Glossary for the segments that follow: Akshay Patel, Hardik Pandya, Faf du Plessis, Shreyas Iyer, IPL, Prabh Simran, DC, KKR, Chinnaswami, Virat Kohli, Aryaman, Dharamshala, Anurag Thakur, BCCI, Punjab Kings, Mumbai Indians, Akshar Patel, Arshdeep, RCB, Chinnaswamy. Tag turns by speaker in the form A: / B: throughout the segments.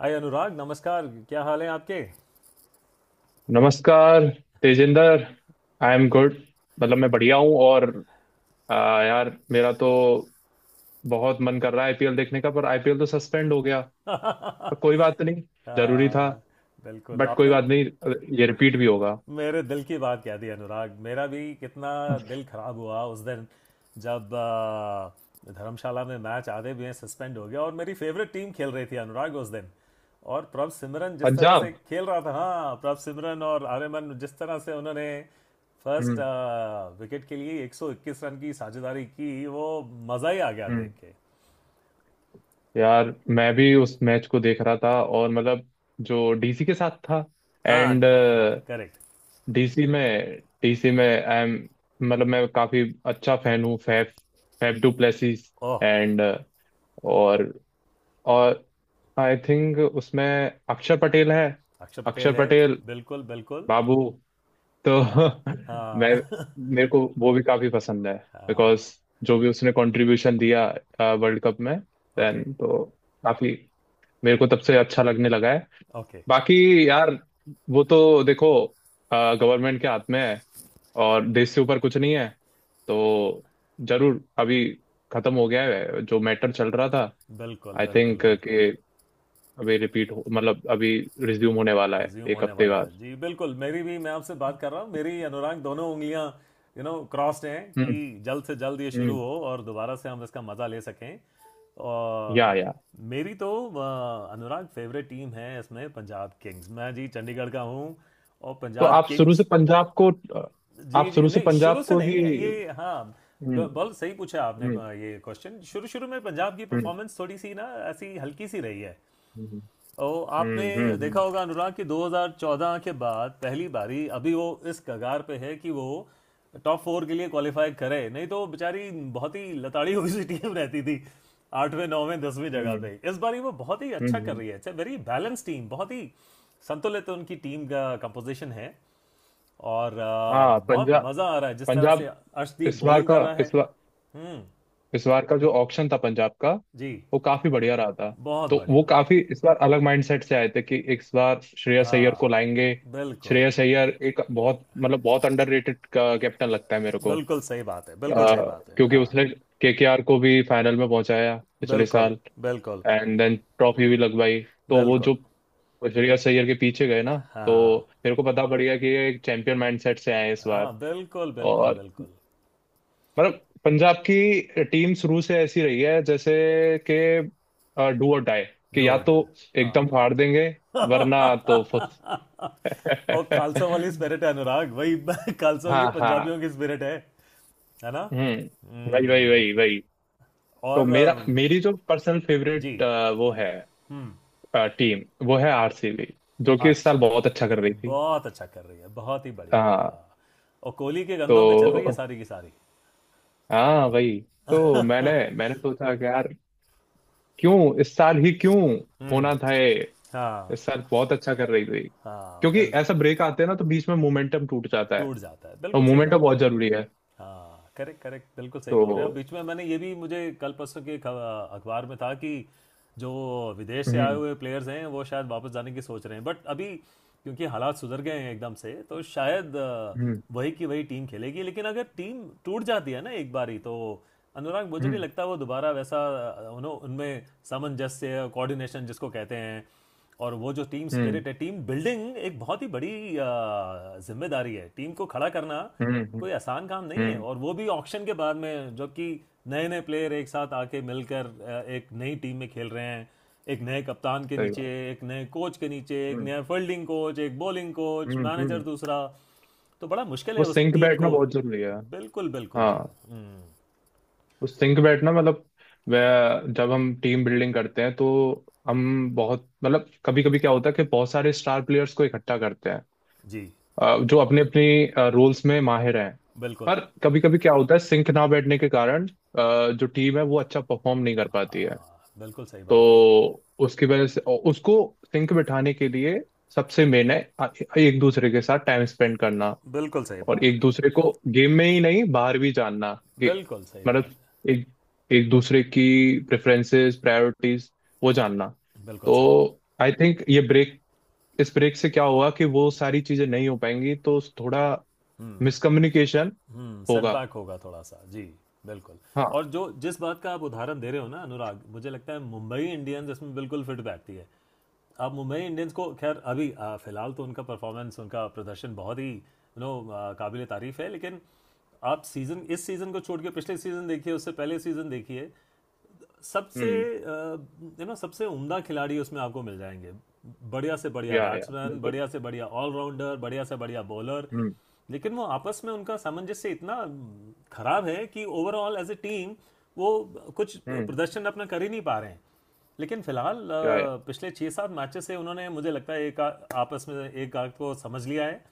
A: हाय अनुराग, नमस्कार। क्या हाल है आपके?
B: नमस्कार, तेजिंदर। I am good. मतलब मैं बढ़िया हूँ। और यार, मेरा तो बहुत मन कर रहा है IPL देखने का, पर IPL तो सस्पेंड हो गया। पर कोई बात नहीं, जरूरी था।
A: हाँ, बिल्कुल
B: बट कोई
A: आपने
B: बात नहीं, ये रिपीट भी होगा।
A: मेरे दिल की बात कह दी अनुराग। मेरा भी कितना दिल खराब हुआ उस दिन जब धर्मशाला में मैच आधे भी सस्पेंड हो गया और मेरी फेवरेट टीम खेल रही थी अनुराग उस दिन। और प्रभ सिमरन जिस तरह से
B: पंजाब।
A: खेल रहा था, हाँ, प्रभ सिमरन और आर्यमन जिस तरह से उन्होंने फर्स्ट
B: हम्म।
A: विकेट के लिए 121 रन की साझेदारी की, वो मज़ा ही आ गया देख
B: हम्म।
A: के।
B: यार, मैं भी उस मैच को देख रहा था। और मतलब जो DC के साथ था।
A: हाँ
B: एंड
A: हाँ, करेक्ट।
B: डीसी में आई एम, मतलब मैं काफी अच्छा फैन हूँ Faf, Faf du Plessis.
A: Oh,
B: and, और और आई थिंक उसमें अक्षर पटेल है।
A: अक्षय
B: अक्षर
A: पटेल है।
B: पटेल
A: बिल्कुल बिल्कुल।
B: बाबू। तो
A: हाँ।
B: मैं,
A: हाँ
B: मेरे को वो भी काफी पसंद है,
A: हाँ।
B: बिकॉज जो भी उसने कंट्रीब्यूशन दिया वर्ल्ड कप में देन।
A: ओके।
B: तो काफी, मेरे को तब से अच्छा लगने लगा है।
A: ओके।
B: बाकी यार, वो तो देखो गवर्नमेंट के हाथ में है, और देश से ऊपर कुछ नहीं है। तो जरूर, अभी खत्म हो गया है जो मैटर चल रहा था।
A: बिल्कुल
B: आई
A: बिल्कुल
B: थिंक
A: बिल्कुल।
B: कि अभी रिपीट हो, मतलब अभी रिज्यूम होने वाला है
A: रिज्यूम
B: एक
A: होने
B: हफ्ते
A: वाला
B: बाद।
A: है जी, बिल्कुल। मेरी भी, मैं आपसे बात कर रहा हूँ मेरी, अनुराग दोनों उंगलियाँ यू नो क्रॉस्ड हैं कि
B: हम्म।
A: जल्द से जल्द ये शुरू
B: हम्म।
A: हो और दोबारा से हम इसका मज़ा ले सकें।
B: या,
A: और
B: या।
A: मेरी तो अनुराग फेवरेट टीम है इसमें पंजाब किंग्स, मैं जी चंडीगढ़ का हूँ और
B: तो
A: पंजाब
B: आप शुरू से
A: किंग्स।
B: पंजाब को।
A: जी
B: आप
A: जी
B: शुरू से
A: नहीं, शुरू
B: पंजाब
A: से
B: को ही।
A: नहीं, ये हाँ
B: हम्म।
A: बहुत सही पूछा आपने
B: हम्म।
A: ये क्वेश्चन। शुरू शुरू में पंजाब की
B: हम्म।
A: परफॉर्मेंस थोड़ी सी ना, ऐसी हल्की सी रही है।
B: हम्म।
A: और आपने
B: हम्म।
A: देखा
B: हम्म।
A: होगा अनुराग कि 2014 के बाद पहली बारी अभी वो इस कगार पे है कि वो टॉप फोर के लिए क्वालिफाई करे, नहीं तो बेचारी बहुत ही लताड़ी हुई सी टीम रहती थी आठवें नौवें दसवीं जगह
B: हम्म।
A: पे। इस बारी वो बहुत ही अच्छा कर
B: हम्म।
A: रही है। It's a very balance team, बहुत ही संतुलित उनकी टीम का कंपोजिशन है। और
B: हाँ,
A: बहुत
B: पंजाब।
A: मज़ा आ रहा है जिस तरह से
B: पंजाब
A: अर्शदीप
B: इस बार
A: बॉलिंग
B: का
A: कर रहा है।
B: इस बार
A: हम्म।
B: इस बार का जो ऑप्शन था पंजाब का,
A: जी,
B: वो काफी बढ़िया रहा था।
A: बहुत
B: तो वो
A: बढ़िया।
B: काफी इस बार अलग माइंडसेट से आए थे कि इस बार श्रेयस अय्यर को
A: हाँ
B: लाएंगे।
A: बिल्कुल।
B: श्रेयस अय्यर एक बहुत, मतलब बहुत अंडररेटेड कैप्टन लगता है मेरे को। अ,
A: बिल्कुल सही बात है, बिल्कुल सही बात है।
B: क्योंकि
A: हाँ,
B: उसने KKR को भी फाइनल में पहुंचाया पिछले
A: बिल्कुल
B: साल।
A: बिल्कुल
B: एंड देन ट्रॉफी भी लगवाई। तो वो जो
A: बिल्कुल।
B: श्रेयस अय्यर के पीछे गए ना, तो
A: हाँ
B: मेरे को पता पड़ गया कि ये एक चैंपियन माइंडसेट से आए हैं इस
A: हाँ,
B: बार।
A: बिल्कुल बिल्कुल
B: और
A: बिल्कुल।
B: मतलब पंजाब की टीम शुरू से ऐसी रही है जैसे कि डू और डाई। कि या
A: डूड।
B: तो
A: हाँ
B: एकदम फाड़ देंगे, वरना तो फुस।
A: और खालसा वाली स्पिरिट है अनुराग, वही खालसाओं की
B: हाँ, हाँ।
A: पंजाबियों की स्पिरिट है। है ना।
B: हम्म, वही, वही,
A: हम्म।
B: वही, वही। तो
A: और
B: मेरा मेरी जो पर्सनल
A: जी,
B: फेवरेट, वो है टीम, वो है RCB, जो कि इस साल
A: अच्छा।
B: बहुत अच्छा कर रही थी।
A: बहुत अच्छा कर रही है, बहुत ही बढ़िया
B: हाँ।
A: हाँ। और कोहली के गंदों में चल रही है
B: तो
A: सारी की सारी।
B: हाँ, वही। तो मैंने मैंने सोचा कि यार क्यों इस साल ही क्यों
A: हम्म।
B: होना था ये।
A: हाँ
B: इस साल बहुत अच्छा कर रही थी।
A: हाँ,
B: क्योंकि
A: बिल,
B: ऐसा ब्रेक आते हैं ना, तो बीच में मोमेंटम टूट जाता है।
A: टूट जाता है,
B: और
A: बिल्कुल सही
B: मोमेंटम
A: बात है।
B: बहुत जरूरी है।
A: हाँ करेक्ट करेक्ट, बिल्कुल सही
B: तो।
A: बोल रहे हैं। अब बीच में मैंने ये भी, मुझे कल परसों के अखबार में था कि जो विदेश से आए
B: हम्म।
A: हुए प्लेयर्स हैं वो शायद वापस जाने की सोच रहे हैं, बट अभी क्योंकि हालात सुधर गए हैं एकदम से तो शायद
B: हम्म।
A: वही की वही टीम खेलेगी। लेकिन अगर टीम टूट जाती है ना एक बार ही तो, अनुराग, मुझे नहीं
B: हम्म।
A: लगता वो दोबारा वैसा उनमें सामंजस्य, कोऑर्डिनेशन जिसको कहते हैं, और वो जो टीम
B: हम्म।
A: स्पिरिट है, टीम बिल्डिंग एक बहुत ही बड़ी जिम्मेदारी है। टीम को खड़ा करना
B: हम्म। हम्म।
A: कोई आसान काम नहीं है,
B: हम्म,
A: और वो भी ऑक्शन के बाद में, जबकि नए नए प्लेयर एक साथ आके मिलकर एक नई टीम में खेल रहे हैं, एक नए कप्तान के
B: सही
A: नीचे,
B: बात।
A: एक नए कोच के नीचे, एक
B: हम्म।
A: नया फील्डिंग कोच, एक बॉलिंग कोच,
B: हम्म। हम्म।
A: मैनेजर दूसरा। तो बड़ा मुश्किल
B: वो
A: है उस
B: सिंक
A: टीम
B: बैठना
A: को।
B: बहुत जरूरी है।
A: बिल्कुल बिल्कुल जी।
B: हाँ।
A: हम्म,
B: उस सिंक बेड ना, मतलब वह जब हम टीम बिल्डिंग करते हैं, तो हम बहुत, मतलब कभी कभी क्या होता है कि बहुत सारे स्टार प्लेयर्स को इकट्ठा करते हैं।
A: जी,
B: जो अपने, अपनी रोल्स में माहिर हैं।
A: बिल्कुल।
B: पर कभी कभी क्या होता है, सिंक ना बैठने के कारण जो टीम है वो अच्छा परफॉर्म नहीं कर पाती है।
A: बिल्कुल सही
B: तो
A: बात है,
B: उसकी वजह से। और उसको सिंक बिठाने के लिए सबसे मेन है एक दूसरे के साथ टाइम स्पेंड करना।
A: बिल्कुल सही
B: और
A: बात
B: एक
A: है,
B: दूसरे को गेम में ही नहीं बाहर भी जानना कि,
A: बिल्कुल सही
B: मतलब
A: बात है,
B: एक, एक दूसरे की प्रेफरेंसेस, प्रायोरिटीज, वो जानना।
A: बिल्कुल
B: तो
A: सही।
B: आई थिंक ये ब्रेक, इस ब्रेक से क्या होगा कि वो सारी चीजें नहीं हो पाएंगी, तो थोड़ा मिसकम्युनिकेशन
A: हम्म,
B: होगा।
A: सेटबैक होगा थोड़ा सा जी, बिल्कुल।
B: हाँ।
A: और जो जिस बात का आप उदाहरण दे रहे हो ना अनुराग, मुझे लगता है मुंबई इंडियंस इसमें बिल्कुल फिट बैठती है। अब मुंबई इंडियंस को खैर अभी फिलहाल तो उनका परफॉर्मेंस, उनका प्रदर्शन बहुत ही, यू नो, काबिल तारीफ है, लेकिन आप सीज़न, इस सीज़न को छोड़ के पिछले सीज़न देखिए, उससे पहले सीज़न देखिए, सबसे,
B: हम्म।
A: यू नो, सबसे उम्दा खिलाड़ी उसमें आपको मिल जाएंगे, बढ़िया से बढ़िया
B: या,
A: बैट्समैन,
B: बिल्कुल।
A: बढ़िया से बढ़िया ऑलराउंडर, बढ़िया से बढ़िया बॉलर।
B: हम्म।
A: लेकिन वो आपस में उनका सामंजस्य इतना खराब है कि ओवरऑल एज ए टीम वो कुछ
B: हम्म।
A: प्रदर्शन अपना कर ही नहीं पा रहे हैं। लेकिन फिलहाल
B: या या
A: पिछले छः सात मैचेस से उन्होंने, मुझे लगता है, एक आपस में एक आग को समझ लिया है।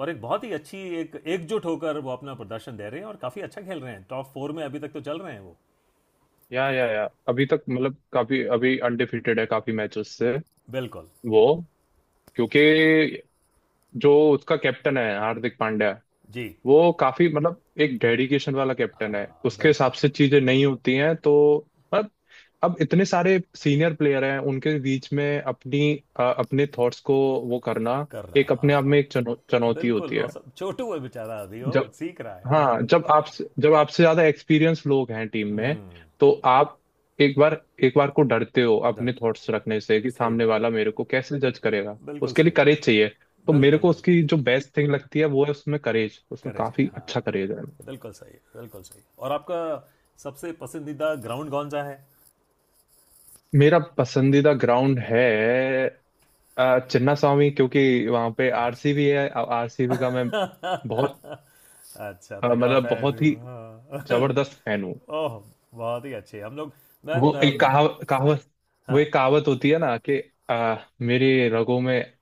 A: और एक बहुत ही अच्छी, एक एकजुट होकर वो अपना प्रदर्शन दे रहे हैं और काफ़ी अच्छा खेल रहे हैं। टॉप फोर में अभी तक तो चल रहे हैं वो।
B: या, अभी तक मतलब काफी, अभी अनडिफिटेड है काफी मैचेस से
A: बिल्कुल।
B: वो। क्योंकि जो उसका कैप्टन है हार्दिक पांड्या,
A: जी।
B: वो काफी, मतलब एक डेडिकेशन वाला कैप्टन है।
A: हाँ,
B: उसके हिसाब
A: बिल्कुल।
B: से चीजें नहीं होती हैं, तो मतलब अब इतने सारे सीनियर प्लेयर हैं उनके बीच में अपनी, अपने थॉट्स को वो करना,
A: कर
B: एक
A: रहा
B: अपने आप
A: हाँ।
B: में एक चुनौती होती
A: बिल्कुल,
B: है।
A: और सब छोटू है बेचारा, अभी हो
B: जब,
A: सीख रहा है हाँ।
B: हाँ, जब आप, जब आपसे ज्यादा एक्सपीरियंस लोग हैं टीम में, तो आप एक बार, एक बार को डरते हो अपने
A: डरते
B: थॉट्स
A: हो,
B: रखने से कि
A: सही
B: सामने
A: बात,
B: वाला मेरे को कैसे जज करेगा।
A: बिल्कुल
B: उसके लिए
A: सही।
B: करेज चाहिए। तो मेरे
A: बिल्कुल
B: को
A: बिल्कुल,
B: उसकी जो बेस्ट थिंग लगती है वो है उसमें करेज, उसमें
A: करेज है
B: काफी
A: हाँ।
B: अच्छा करेज है।
A: बिल्कुल सही, बिल्कुल सही। और आपका सबसे पसंदीदा ग्राउंड कौन सा है?
B: मेरा पसंदीदा ग्राउंड है चिन्ना स्वामी, क्योंकि वहां पे
A: अच्छा
B: RCB है। आरसीबी का मैं बहुत,
A: अच्छा, तगड़ा
B: मतलब
A: फैन
B: बहुत ही
A: हूँ हाँ।
B: जबरदस्त फैन हूँ।
A: ओह, बहुत ही अच्छे हम लोग। मैं,
B: वो एक
A: अम,
B: कहावत, वो
A: हाँ।
B: एक कहावत होती है ना कि आ, मेरे रगों में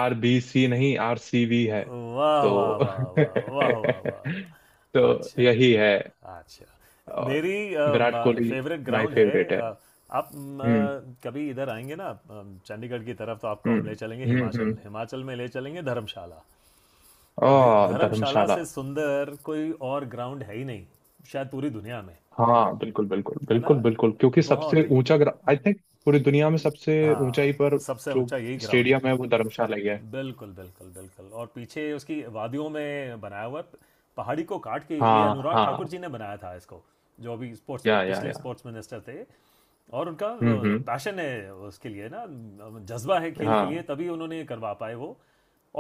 B: RBC नहीं, RCB है।
A: वाह वाह
B: तो
A: वाह वाह वाह वाह वाह वाह,
B: तो
A: अच्छा।
B: यही है।
A: अच्छा,
B: और
A: मेरी
B: Virat Kohli
A: favourite
B: my
A: ground है
B: फेवरेट है।
A: आप
B: हम्म।
A: कभी इधर आएंगे ना चंडीगढ़ की तरफ, तो आपको हम ले
B: हम्म।
A: चलेंगे
B: हम्म। हम्म।
A: हिमाचल, हिमाचल में ले चलेंगे धर्मशाला।
B: ओ,
A: और धर्मशाला
B: धर्मशाला।
A: से सुंदर कोई और ग्राउंड है ही नहीं शायद पूरी दुनिया में।
B: हाँ, बिल्कुल, बिल्कुल,
A: है ना,
B: बिल्कुल, बिल्कुल, क्योंकि सबसे
A: बहुत ही।
B: ऊंचा आई थिंक पूरी दुनिया में सबसे ऊंचाई पर
A: हाँ, सबसे
B: जो
A: ऊंचा यही ग्राउंड है।
B: स्टेडियम है वो धर्मशाला ही है।
A: बिल्कुल बिल्कुल बिल्कुल, और पीछे उसकी वादियों में बनाया हुआ है, पहाड़ी को काट के। ये
B: हाँ।
A: अनुराग
B: हाँ।
A: ठाकुर जी ने बनाया था इसको, जो अभी स्पोर्ट्स,
B: या, या,
A: पिछले
B: या।
A: स्पोर्ट्स मिनिस्टर थे। और उनका
B: हम्म। हम्म।
A: पैशन है उसके लिए ना, जज्बा है खेल के लिए,
B: हाँ।
A: तभी उन्होंने ये करवा पाए वो।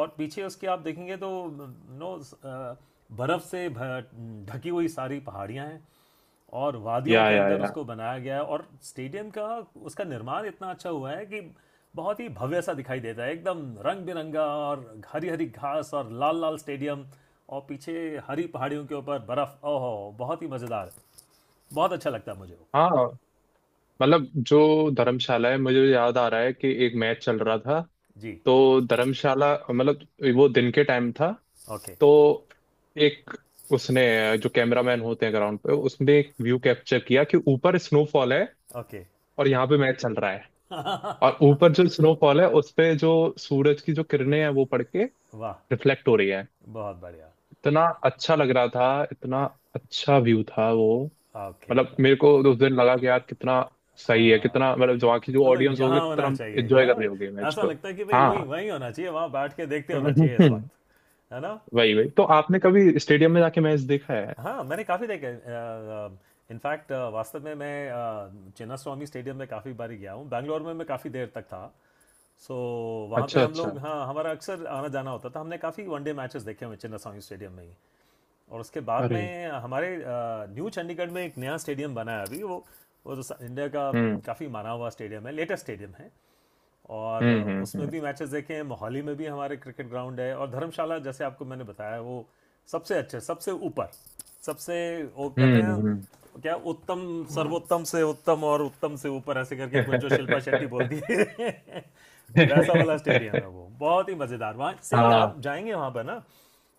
A: और पीछे उसके आप देखेंगे तो, नो, बर्फ़ से ढकी हुई सारी पहाड़ियाँ हैं। और वादियों
B: या,
A: के
B: या,
A: अंदर
B: या।
A: उसको बनाया गया है। और स्टेडियम का उसका निर्माण इतना अच्छा हुआ है कि बहुत ही भव्य सा दिखाई देता है, एकदम रंग बिरंगा, और हरी हरी घास, और लाल लाल स्टेडियम, और पीछे हरी पहाड़ियों के ऊपर बर्फ, ओहो, बहुत ही मज़ेदार। बहुत अच्छा लगता है मुझे वो।
B: हाँ, मतलब जो धर्मशाला है, मुझे याद आ रहा है कि एक मैच चल रहा था।
A: जी।
B: तो धर्मशाला, मतलब वो दिन के टाइम था।
A: ओके।
B: तो एक, उसने, जो कैमरामैन होते हैं ग्राउंड पे, उसने एक व्यू कैप्चर किया कि ऊपर स्नोफॉल है
A: ओके।
B: और यहाँ पे मैच चल रहा है। और ऊपर जो स्नोफॉल है उस पे जो सूरज की जो किरणें हैं वो पड़ के
A: वाह,
B: रिफ्लेक्ट हो रही है।
A: बहुत बढ़िया।
B: इतना अच्छा लग रहा था, इतना अच्छा व्यू था वो।
A: ओके।
B: मतलब मेरे को उस दिन लगा कि यार कितना सही है,
A: हाँ,
B: कितना मतलब जो आखिर जो
A: मतलब
B: ऑडियंस होगी
A: यहाँ
B: कितना
A: होना चाहिए
B: एंजॉय
A: क्या,
B: कर रही होगी मैच
A: ऐसा
B: को।
A: लगता है कि भाई वहीं
B: हाँ।
A: वहीं होना चाहिए, वहाँ बैठ के देखते होना चाहिए इस वक्त। है ना।
B: वही, वही। तो आपने कभी स्टेडियम में जाके मैच देखा है?
A: हाँ, मैंने काफ़ी देखे। इनफैक्ट, वास्तव में, मैं चिन्नास्वामी स्टेडियम में काफ़ी बारी गया हूँ, बैंगलोर में मैं काफ़ी देर तक था, सो वहाँ पे
B: अच्छा,
A: हम
B: अच्छा।
A: लोग, हाँ, हमारा अक्सर आना जाना होता था। हमने काफ़ी वनडे मैचेस देखे हुए हैं चिन्नास्वामी स्टेडियम में ही। और उसके बाद
B: अरे।
A: में हमारे न्यू चंडीगढ़ में एक नया स्टेडियम बना है अभी वो तो इंडिया का
B: हम्म।
A: काफ़ी माना हुआ स्टेडियम है, लेटेस्ट स्टेडियम है। और
B: हम्म।
A: उसमें
B: हम्म।
A: भी मैचेस देखे हैं। मोहाली में भी हमारे क्रिकेट ग्राउंड है, और धर्मशाला जैसे आपको मैंने बताया वो सबसे अच्छे, सबसे ऊपर, सबसे, वो कहते
B: हम्म।
A: हैं
B: हम्म।
A: क्या, उत्तम, सर्वोत्तम से उत्तम और उत्तम से ऊपर ऐसे करके कुछ जो शिल्पा शेट्टी बोलती है वैसा वाला स्टेडियम है वो, बहुत ही मज़ेदार। वहाँ से
B: हाँ,
A: आप जाएंगे वहाँ पर ना,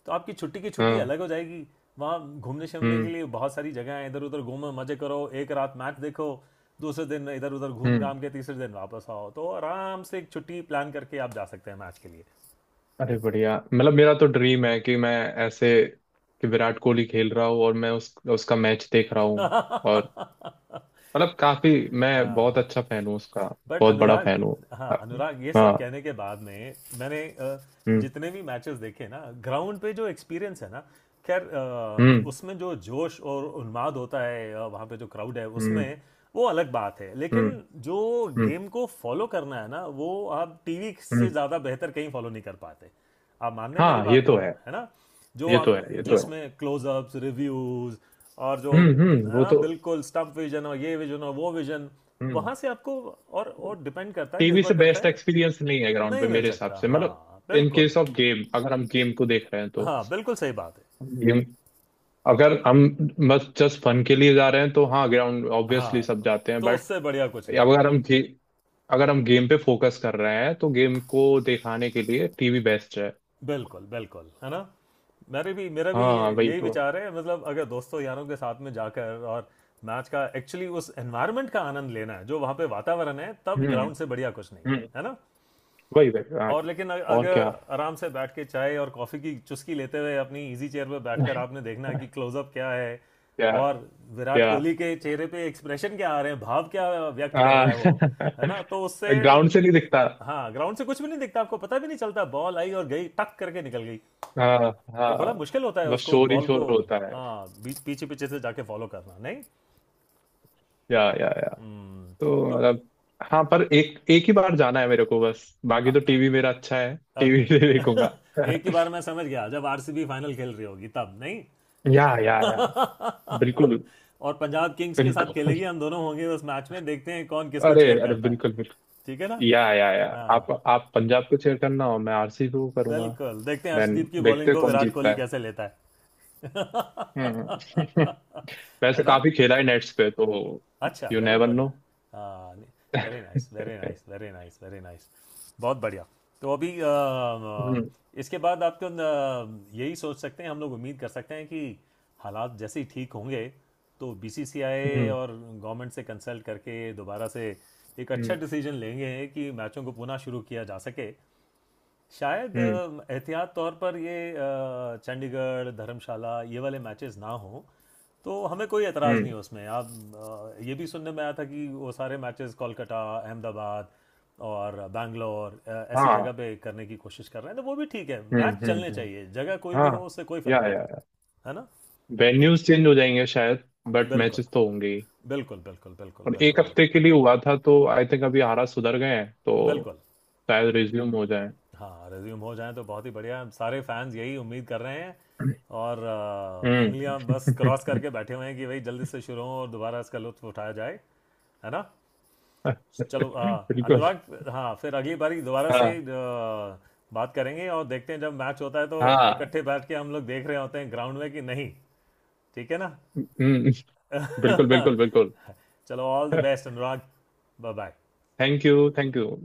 A: तो आपकी छुट्टी की छुट्टी
B: हाँ।
A: अलग हो जाएगी। वहाँ घूमने शमने के
B: हम्म।
A: लिए बहुत सारी जगह हैं, इधर उधर घूमो, मज़े करो, एक रात मैच देखो, दूसरे दिन इधर उधर घूम
B: हम्म।
A: घाम के, तीसरे दिन वापस आओ। तो आराम से एक छुट्टी प्लान करके आप जा सकते हैं मैच के लिए।
B: अरे बढ़िया, मतलब मेरा तो ड्रीम है कि मैं ऐसे कि विराट कोहली खेल रहा हूँ और मैं उस उसका मैच देख रहा हूँ। और मतलब काफी, मैं बहुत
A: हाँ,
B: अच्छा फैन हूँ उसका।
A: बट
B: बहुत बड़ा
A: अनुराग,
B: फैन हूँ।
A: हाँ
B: हाँ।
A: अनुराग, ये सब
B: हाँ,
A: कहने के बाद में मैंने
B: हम्म।
A: जितने भी मैचेस देखे ना ग्राउंड पे, जो एक्सपीरियंस है ना, खैर
B: हम्म।
A: उसमें जो जोश और उन्माद होता है वहाँ पे जो क्राउड है
B: हम्म।
A: उसमें, वो अलग बात है।
B: हम्म।
A: लेकिन जो
B: हम्म।
A: गेम को फॉलो करना है ना, वो आप टीवी से
B: हम्म,
A: ज़्यादा बेहतर कहीं फॉलो नहीं कर पाते। आप मान रहे हैं मेरी
B: हाँ, ये
A: बात को?
B: तो है।
A: है ना। जो
B: ये तो
A: आप,
B: है। ये
A: जो
B: तो है।
A: इसमें क्लोजअप्स, रिव्यूज, और जो,
B: हम्म। हम्म।
A: है
B: वो
A: ना,
B: तो।
A: बिल्कुल, स्टम्प विजन और ये विजन और वो विजन,
B: हम्म।
A: वहाँ से आपको, और डिपेंड करता है,
B: टीवी से
A: निर्भर करता
B: बेस्ट
A: है।
B: एक्सपीरियंस नहीं है ग्राउंड पे
A: नहीं मिल
B: मेरे हिसाब
A: सकता
B: से, मतलब
A: हाँ,
B: इन
A: बिल्कुल।
B: केस ऑफ गेम, अगर हम गेम को देख रहे हैं
A: हाँ बिल्कुल सही बात है।
B: तो। अगर हम बस जस्ट फन के लिए जा रहे हैं, तो हाँ ग्राउंड ऑब्वियसली
A: हाँ,
B: सब
A: तो
B: जाते हैं।
A: तो
B: बट
A: उससे बढ़िया कुछ नहीं है।
B: अगर हम गे, अगर हम गेम पे फोकस कर रहे हैं, तो गेम को दिखाने के लिए टीवी बेस्ट है।
A: बिल्कुल बिल्कुल, है ना। मेरे भी, मेरा भी
B: हाँ, वही
A: यही
B: तो।
A: विचार है, मतलब अगर दोस्तों यारों के साथ में जाकर और मैच का एक्चुअली उस एनवायरनमेंट का आनंद लेना है जो वहाँ पे वातावरण है, तब
B: हम्म।
A: ग्राउंड से बढ़िया कुछ नहीं।
B: हम्म।
A: है ना।
B: वही, वही। हाँ।
A: और लेकिन
B: और क्या।
A: अगर आराम से बैठ के चाय और कॉफ़ी की चुस्की लेते हुए अपनी इजी चेयर पर बैठकर आपने देखना है कि क्लोजअप क्या है,
B: क्या?
A: और विराट
B: क्या?
A: कोहली के चेहरे पे एक्सप्रेशन क्या आ रहे हैं, भाव क्या व्यक्त कर
B: हाँ।
A: रहा है वो, है ना, तो उससे,
B: ग्राउंड से नहीं दिखता।
A: हाँ, ग्राउंड से कुछ भी नहीं दिखता। आपको पता भी नहीं चलता, बॉल आई और गई टक करके निकल गई।
B: हाँ।
A: वो बड़ा
B: हाँ।
A: मुश्किल होता है
B: बस
A: उसको,
B: शोर ही
A: बॉल को,
B: शोर होता है।
A: हाँ, बीच, पीछे पीछे से जाके फॉलो करना, नहीं।
B: या, या।
A: हम्म,
B: तो
A: तो
B: मतलब, हाँ, पर एक, एक ही बार जाना है मेरे को बस,
A: आ,
B: बाकी तो
A: आ,
B: टीवी मेरा अच्छा है, टीवी
A: ओके
B: से देखूंगा।
A: एक ही बार, मैं समझ गया, जब आरसीबी फाइनल खेल रही होगी तब नहीं
B: या, या, या। बिल्कुल।
A: और पंजाब किंग्स के साथ
B: बिल्कुल।
A: खेलेगी, हम दोनों होंगे उस मैच में, देखते हैं कौन किसको
B: अरे,
A: चेयर
B: अरे,
A: करता है।
B: बिल्कुल, बिल्कुल।
A: ठीक है ना।
B: या, या, या। आप
A: हाँ,
B: आप पंजाब को चेयर करना हो, मैं RCB को करूंगा।
A: बिल्कुल, देखते हैं
B: देन
A: अर्शदीप की
B: देखते
A: बॉलिंग
B: हैं
A: को
B: कौन
A: विराट
B: जीतता
A: कोहली
B: है।
A: कैसे लेता है।
B: हम्म। वैसे
A: है ना।
B: काफी खेला है नेट्स पे तो,
A: अच्छा,
B: you
A: very
B: never
A: good.
B: No.
A: Very
B: hmm.
A: Nice very nice very nice very nice, बहुत बढ़िया। तो अभी इसके बाद आप तो यही सोच सकते हैं, हम लोग उम्मीद कर सकते हैं कि हालात जैसे ही ठीक होंगे, तो बीसीसीआई
B: हम्म।
A: और गवर्नमेंट से कंसल्ट करके दोबारा से एक अच्छा
B: हम्म।
A: डिसीजन लेंगे कि मैचों को पुनः शुरू किया जा सके। शायद
B: हम्म।
A: एहतियात तौर पर ये चंडीगढ़, धर्मशाला, ये वाले मैचेस ना हो, तो हमें कोई एतराज़
B: हम्म,
A: नहीं है उसमें। आप ये भी सुनने में आया था कि वो सारे मैचेस कोलकाता, अहमदाबाद और बैंगलोर ऐसी जगह
B: हाँ।
A: पे करने की कोशिश कर रहे हैं, तो वो भी ठीक है।
B: हम्म।
A: मैच चलने
B: हम्म। हम्म।
A: चाहिए, जगह कोई भी हो
B: हाँ।
A: उससे कोई फ़र्क
B: या
A: नहीं
B: या
A: पड़ता। है ना,
B: वेन्यूज चेंज हो जाएंगे शायद, बट
A: बिल्कुल
B: मैचेस तो होंगे ही।
A: बिल्कुल बिल्कुल बिल्कुल
B: और एक
A: बिल्कुल
B: हफ्ते के लिए हुआ था, तो आई थिंक अभी हालात सुधर गए हैं, तो
A: बिल्कुल।
B: शायद रिज्यूम हो जाए।
A: हाँ, रिज्यूम हो जाए तो बहुत ही बढ़िया है। सारे फैंस यही उम्मीद कर रहे हैं और उंगलियां बस क्रॉस
B: हम्म।
A: करके बैठे हुए हैं कि भाई जल्दी से शुरू हो और दोबारा इसका लुत्फ उठाया जाए। है ना। चलो
B: बिल्कुल।
A: अनुराग, हाँ, फिर अगली बारी दोबारा से
B: हाँ।
A: बात करेंगे और देखते हैं जब मैच होता है तो
B: हाँ।
A: इकट्ठे बैठ के हम लोग देख रहे होते हैं ग्राउंड में कि नहीं। ठीक है ना।
B: हम्म। बिल्कुल, बिल्कुल, बिल्कुल।
A: चलो, all the best Anurag, bye bye.
B: Thank you, thank you.